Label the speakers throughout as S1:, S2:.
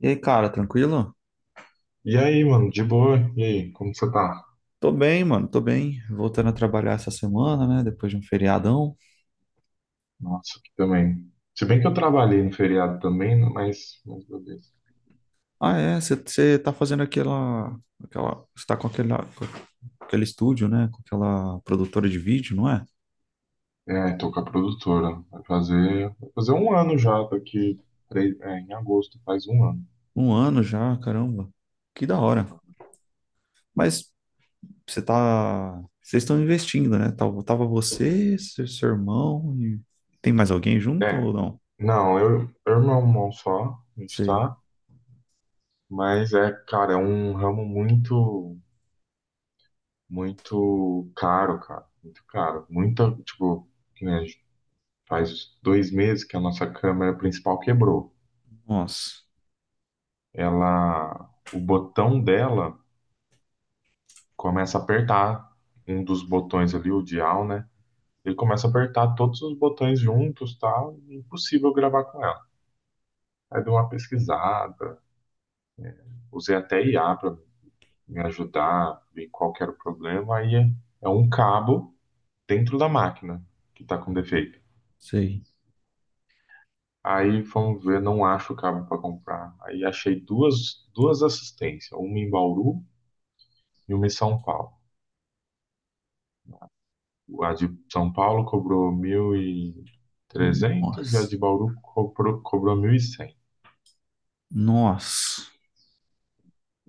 S1: E aí, cara, tranquilo?
S2: E aí, mano, de boa? E aí, como você tá?
S1: Tô bem, mano, tô bem. Voltando a trabalhar essa semana, né? Depois de um feriadão.
S2: Nossa, aqui também. Se bem que eu trabalhei no feriado também, né, mas beleza.
S1: Ah, é, você tá fazendo aquela, aquela, você tá com aquele estúdio, né? Com aquela produtora de vídeo, não é?
S2: É, tô com a produtora. Vai fazer um ano já, daqui três, é, em agosto faz um ano.
S1: Um ano já, caramba. Que da hora. Mas você tá, vocês estão investindo, né? Tava, tava você, seu irmão e tem mais alguém junto
S2: É,
S1: ou não?
S2: não, eu e meu irmão só, a gente
S1: Sei.
S2: tá, mas é, cara, é um ramo muito, muito caro, cara, muito caro. Muita, tipo, que nem a gente faz dois meses que a nossa câmera principal quebrou.
S1: Nossa.
S2: Ela, o botão dela começa a apertar um dos botões ali, o dial, né? Ele começa a apertar todos os botões juntos, tal, e impossível gravar com ela. Aí dei uma pesquisada, usei até IA para me ajudar, ver qual que era o problema. Aí é, é um cabo dentro da máquina que está com defeito.
S1: Sei.
S2: Aí fomos ver, não acho o cabo para comprar. Aí achei duas assistências, uma em Bauru e uma em São Paulo. A de São Paulo cobrou mil e trezentos e a de
S1: Nossa.
S2: Bauru cobrou, cobrou 1.100.
S1: Nossa.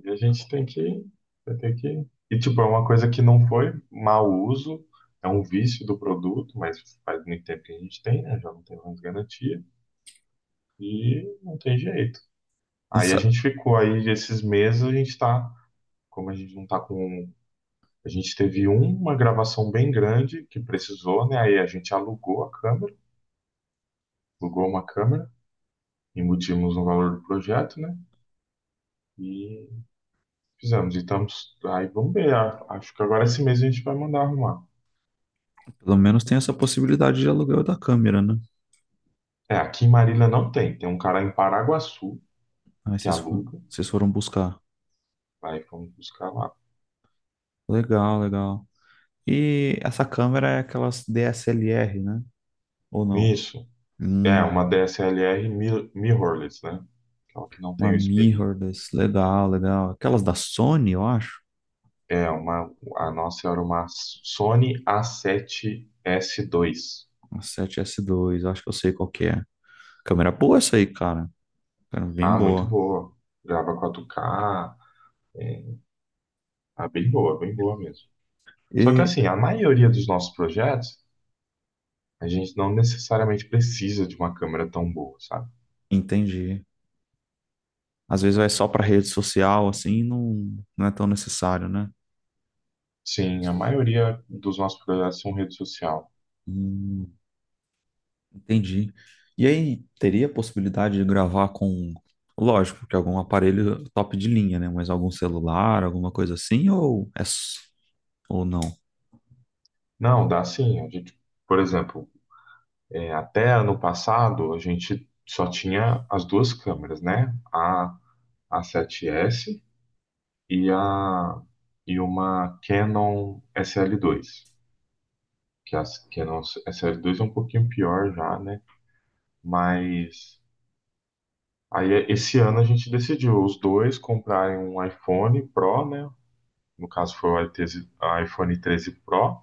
S2: E a gente tem que, vai ter que. E, tipo, é uma coisa que não foi mau uso, é um vício do produto, mas faz muito tempo que a gente tem, né? Já não tem mais garantia. E não tem jeito. Aí a
S1: Essa-
S2: gente ficou aí, esses meses a gente tá. Como a gente não tá com. A gente teve uma gravação bem grande que precisou, né? Aí a gente alugou a câmera, alugou uma câmera. Emitimos o valor do projeto, né? E fizemos. E estamos. Aí vamos ver. Acho que agora esse mês a gente vai mandar arrumar.
S1: Pelo menos tem essa possibilidade de aluguel da câmera, né?
S2: É, aqui em Marília não tem. Tem um cara em Paraguaçu
S1: Aí
S2: que
S1: vocês, fo-
S2: aluga.
S1: vocês foram buscar.
S2: Aí vamos buscar lá.
S1: Legal, legal. E essa câmera é aquelas DSLR, né? Ou não?
S2: Isso. É, uma
S1: Hum,
S2: DSLR mirrorless, né? Aquela que não tem
S1: uma
S2: o espelhinho.
S1: mirrorless. Legal, legal. Aquelas da Sony, eu acho.
S2: É, uma, a nossa era uma Sony A7S2.
S1: A 7S2, eu acho que eu sei qual que é. Câmera boa essa aí, cara. Cara, bem
S2: Ah, muito
S1: boa.
S2: boa. Grava 4K. É, bem boa mesmo. Só que
S1: E
S2: assim, a maioria dos nossos projetos a gente não necessariamente precisa de uma câmera tão boa, sabe?
S1: entendi. Às vezes vai só para rede social, assim, não, não é tão necessário, né?
S2: Sim, a maioria dos nossos projetos são rede social.
S1: Hum, Entendi. E aí, teria a possibilidade de gravar com, lógico, que algum aparelho top de linha, né? Mas algum celular, alguma coisa assim, ou é s- ou não?
S2: Não, dá sim. A gente, por exemplo, é, até ano passado a gente só tinha as duas câmeras, né? A A7S e a e uma Canon SL2. Que a Canon SL2 é um pouquinho pior já, né? Mas aí esse ano a gente decidiu os dois comprarem um iPhone Pro, né? No caso foi o iTese a iPhone treze Pro,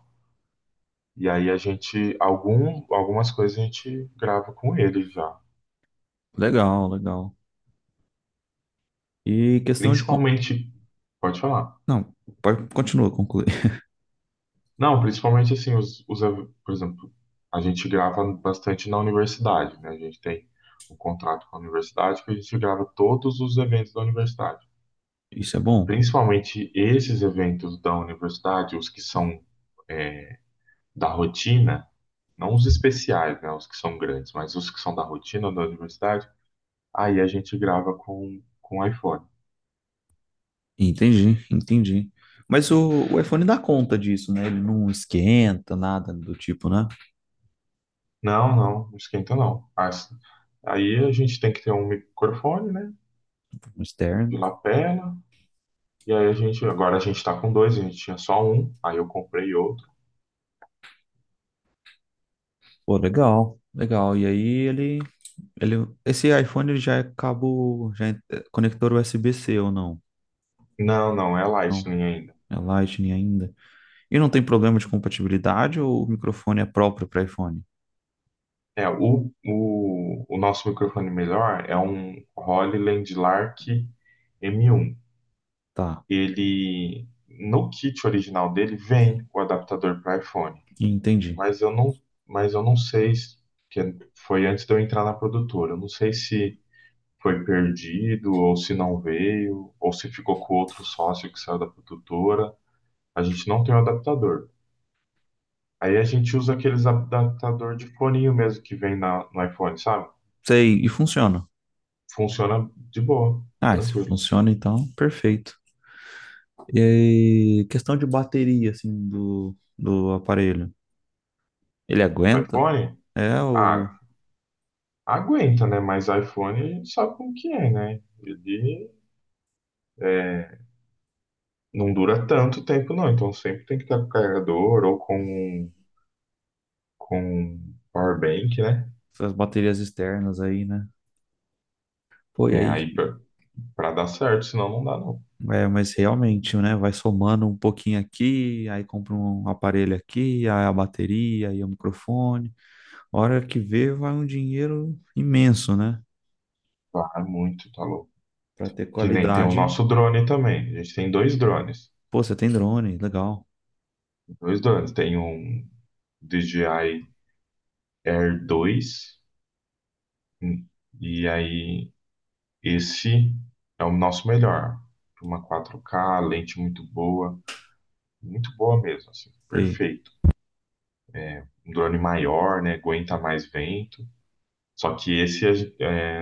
S2: e aí a gente, algum, algumas coisas a gente grava com ele já.
S1: Legal, legal. E questão de con-
S2: Principalmente, pode falar.
S1: Não, pode continua, concluir.
S2: Não, principalmente assim, por exemplo, a gente grava bastante na universidade, né? A gente tem um contrato com a universidade que a gente grava todos os eventos da universidade.
S1: Isso é bom?
S2: Principalmente esses eventos da universidade, os que são é, da rotina, não os especiais, né? Os que são grandes, mas os que são da rotina da universidade. Aí a gente grava com o iPhone.
S1: Entendi, entendi. Mas o iPhone dá conta disso, né? Ele não esquenta nada do tipo, né?
S2: Não, não esquenta não. Aí a gente tem que ter um microfone, né?
S1: No
S2: De
S1: externo.
S2: lapela. E aí a gente, agora a gente tá com dois, a gente tinha só um, aí eu comprei outro.
S1: Pô, legal, legal. E aí ele, ele, esse iPhone ele já é cabo, já é conector USB-C ou não?
S2: Não, não, é
S1: Não,
S2: Lightning ainda.
S1: é Lightning ainda. E não tem problema de compatibilidade ou o microfone é próprio para iPhone?
S2: É, o nosso microfone melhor é um Rode Landlark M1.
S1: Tá,
S2: Ele, no kit original dele, vem o adaptador para iPhone.
S1: entendi.
S2: mas eu não, mas eu não sei se que foi antes de eu entrar na produtora. Eu não sei se foi perdido ou se não veio ou se ficou com outro sócio que saiu da produtora. A gente não tem o adaptador. Aí a gente usa aqueles adaptador de foninho mesmo que vem na, no iPhone, sabe?
S1: Sei, e funciona.
S2: Funciona de boa,
S1: Ah, se
S2: tranquilo.
S1: funciona então, perfeito. E aí, questão de bateria, assim, do aparelho. Ele
S2: O
S1: aguenta?
S2: iPhone,
S1: É, ou
S2: ah, aguenta, né? Mas iPhone a gente sabe como que é, né? Ele é, não dura tanto tempo, não. Então sempre tem que estar com o carregador ou com um com power bank, né?
S1: as baterias externas aí, né? Pô, e
S2: Né,
S1: aí?
S2: pra dar certo, senão não dá não.
S1: É, mas realmente, né? Vai somando um pouquinho aqui, aí compra um aparelho aqui, aí a bateria, aí o microfone. Hora que vê, vai um dinheiro imenso, né?
S2: Vai muito, tá louco.
S1: Pra ter
S2: Que nem tem o
S1: qualidade.
S2: nosso drone também. A gente tem dois drones.
S1: Pô, você tem drone, legal.
S2: Dois drones. Tem um DJI Air dois. hum, E aí, esse é o nosso melhor. Uma 4K, lente muito boa. Muito boa mesmo, assim.
S1: Sei,
S2: Perfeito. Um drone maior, né? Aguenta mais vento. Só que esse, é,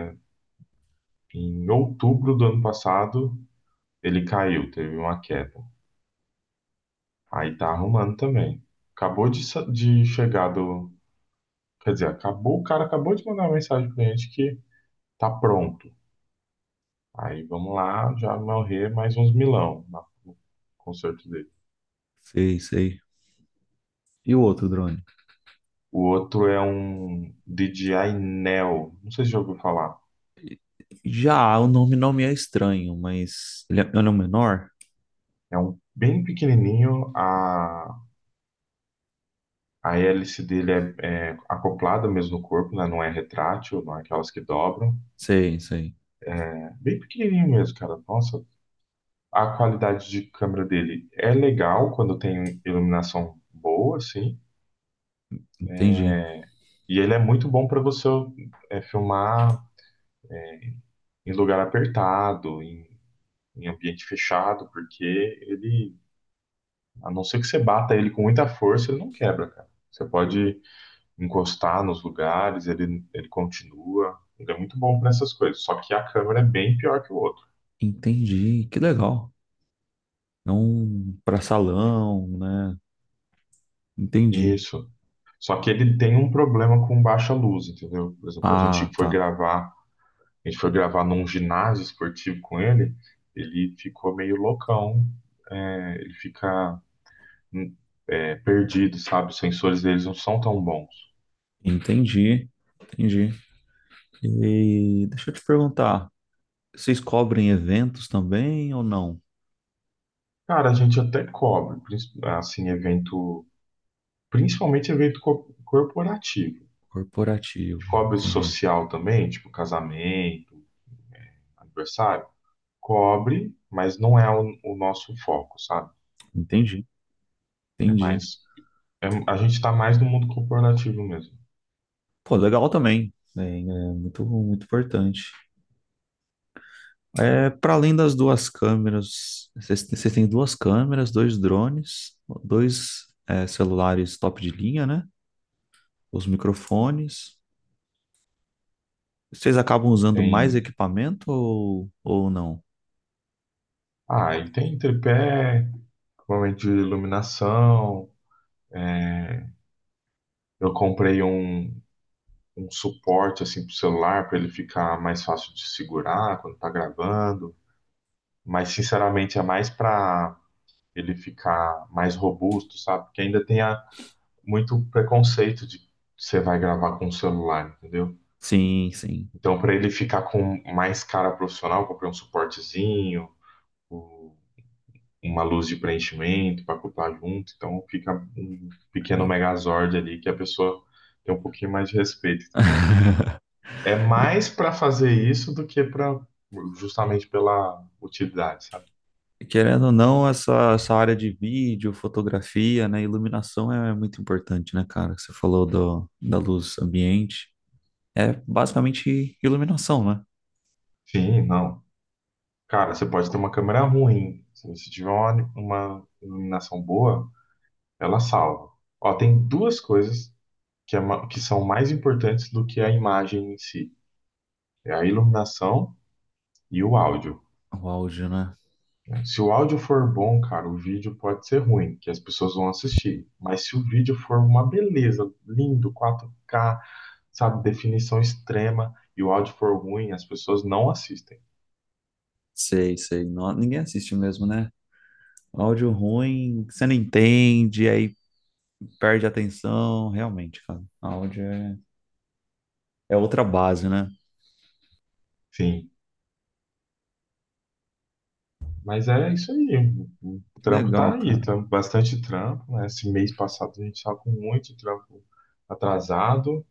S2: em outubro do ano passado, ele caiu, teve uma queda. Aí tá arrumando também. Acabou de, sa- de chegar do. Quer dizer, acabou, o cara acabou de mandar uma mensagem pro cliente que tá pronto. Aí vamos lá, já morrer mais uns milão no concerto dele.
S1: sei, sei. E o outro drone?
S2: O outro é um DJI Neo, não sei se já ouviu falar.
S1: Já, o nome não me é estranho, mas ele é um menor?
S2: É um bem pequenininho, a hélice dele é acoplada mesmo no corpo, né? Não é retrátil, não é aquelas que dobram.
S1: Sei, sei.
S2: É bem pequenininho mesmo, cara. Nossa, a qualidade de câmera dele é legal quando tem iluminação boa, assim.
S1: Entendi.
S2: E ele é muito bom para você filmar em lugar apertado, em ambiente fechado, porque ele, a não ser que você bata ele com muita força, ele não quebra, cara. Você pode encostar nos lugares, ele continua. Ele é muito bom para essas coisas. Só que a câmera é bem pior que o outro.
S1: Entendi. Que legal. É um pra salão, né? Entendi.
S2: Isso. Só que ele tem um problema com baixa luz, entendeu? Por exemplo,
S1: Ah, tá.
S2: a gente foi gravar num ginásio esportivo com ele, ele ficou meio loucão, é, ele fica hum, é, perdido, sabe? Os sensores deles não são tão bons.
S1: Entendi. Entendi. E deixa eu te perguntar, vocês cobrem eventos também ou não?
S2: Cara, a gente até cobre, assim, principalmente evento corporativo. A
S1: Corporativo.
S2: gente cobre
S1: Entendi.
S2: social também, tipo casamento, aniversário. Cobre, mas não é o nosso foco, sabe?
S1: Entendi.
S2: É
S1: Entendi.
S2: mais, a gente tá mais no mundo corporativo mesmo.
S1: Pô, legal também. É, é muito, muito importante. É, para além das duas câmeras, vocês têm duas câmeras, dois drones, dois, é, celulares top de linha, né? Os microfones. Vocês acabam usando mais
S2: Tem,
S1: equipamento ou não?
S2: ah, e tem tripé, equipamento de iluminação. É, eu comprei um suporte assim pro celular para ele ficar mais fácil de segurar quando tá gravando, mas sinceramente é mais para ele ficar mais robusto, sabe? Porque ainda muito preconceito de que você vai gravar com o celular, entendeu?
S1: Sim, sim.
S2: Então para ele ficar com mais cara profissional, eu comprei um suportezinho, uma luz de preenchimento para acoplar junto, então fica um pequeno
S1: Não.
S2: megazord ali que a pessoa tem um pouquinho mais de respeito, entendeu? É mais para fazer isso do que para justamente pela utilidade, sabe?
S1: Querendo ou não, essa área de vídeo, fotografia, né, iluminação é muito importante, né, cara? Você falou do, da luz ambiente, é basicamente iluminação, né?
S2: Sim, não. Cara, você pode ter uma câmera ruim, se você tiver uma iluminação boa, ela salva. Ó, tem duas coisas que, que são mais importantes do que a imagem em si, é a iluminação e o áudio.
S1: O áudio, né?
S2: Né? Se o áudio for bom, cara, o vídeo pode ser ruim, que as pessoas vão assistir. Mas se o vídeo for uma beleza, lindo, 4K, sabe, definição extrema, e o áudio for ruim, as pessoas não assistem.
S1: Sei, sei. Não, ninguém assiste mesmo, né? Áudio ruim, você não entende, aí perde a atenção. Realmente, cara. Áudio é, é outra base, né?
S2: Sim. Mas é isso aí. O
S1: Que
S2: trampo tá
S1: legal,
S2: aí,
S1: cara.
S2: tá bastante trampo, né? Esse mês passado a gente estava com muito trampo atrasado,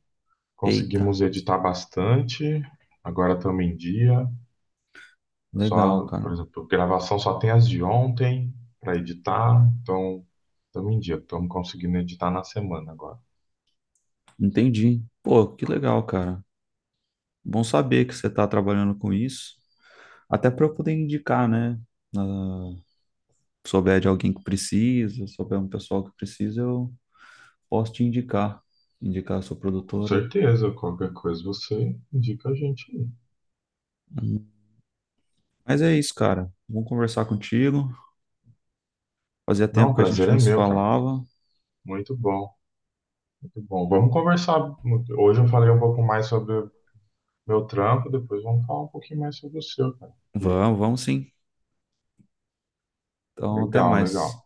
S1: Eita,
S2: conseguimos editar bastante, agora estamos em dia.
S1: legal,
S2: Só, por
S1: cara.
S2: exemplo, gravação só tem as de ontem para editar, então estamos em dia, estamos conseguindo editar na semana agora.
S1: Entendi. Pô, que legal, cara. Bom saber que você tá trabalhando com isso. Até para eu poder indicar, né? Ah, souber de alguém que precisa, souber um pessoal que precisa, eu posso te indicar. Indicar a sua
S2: Com
S1: produtora.
S2: certeza, qualquer coisa você indica a gente aí.
S1: Hum. Mas é isso, cara. Vamos conversar contigo. Fazia
S2: Não,
S1: tempo
S2: o
S1: que a
S2: prazer
S1: gente
S2: é
S1: não se
S2: meu, cara.
S1: falava.
S2: Muito bom, muito bom. Vamos conversar. Hoje eu falei um pouco mais sobre meu trampo, depois vamos falar um pouquinho mais sobre o seu, cara. Que
S1: Vamos, vamos sim. Então, até
S2: legal,
S1: mais.
S2: legal.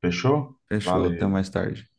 S2: Fechou?
S1: Fechou, até mais
S2: Valeu.
S1: tarde.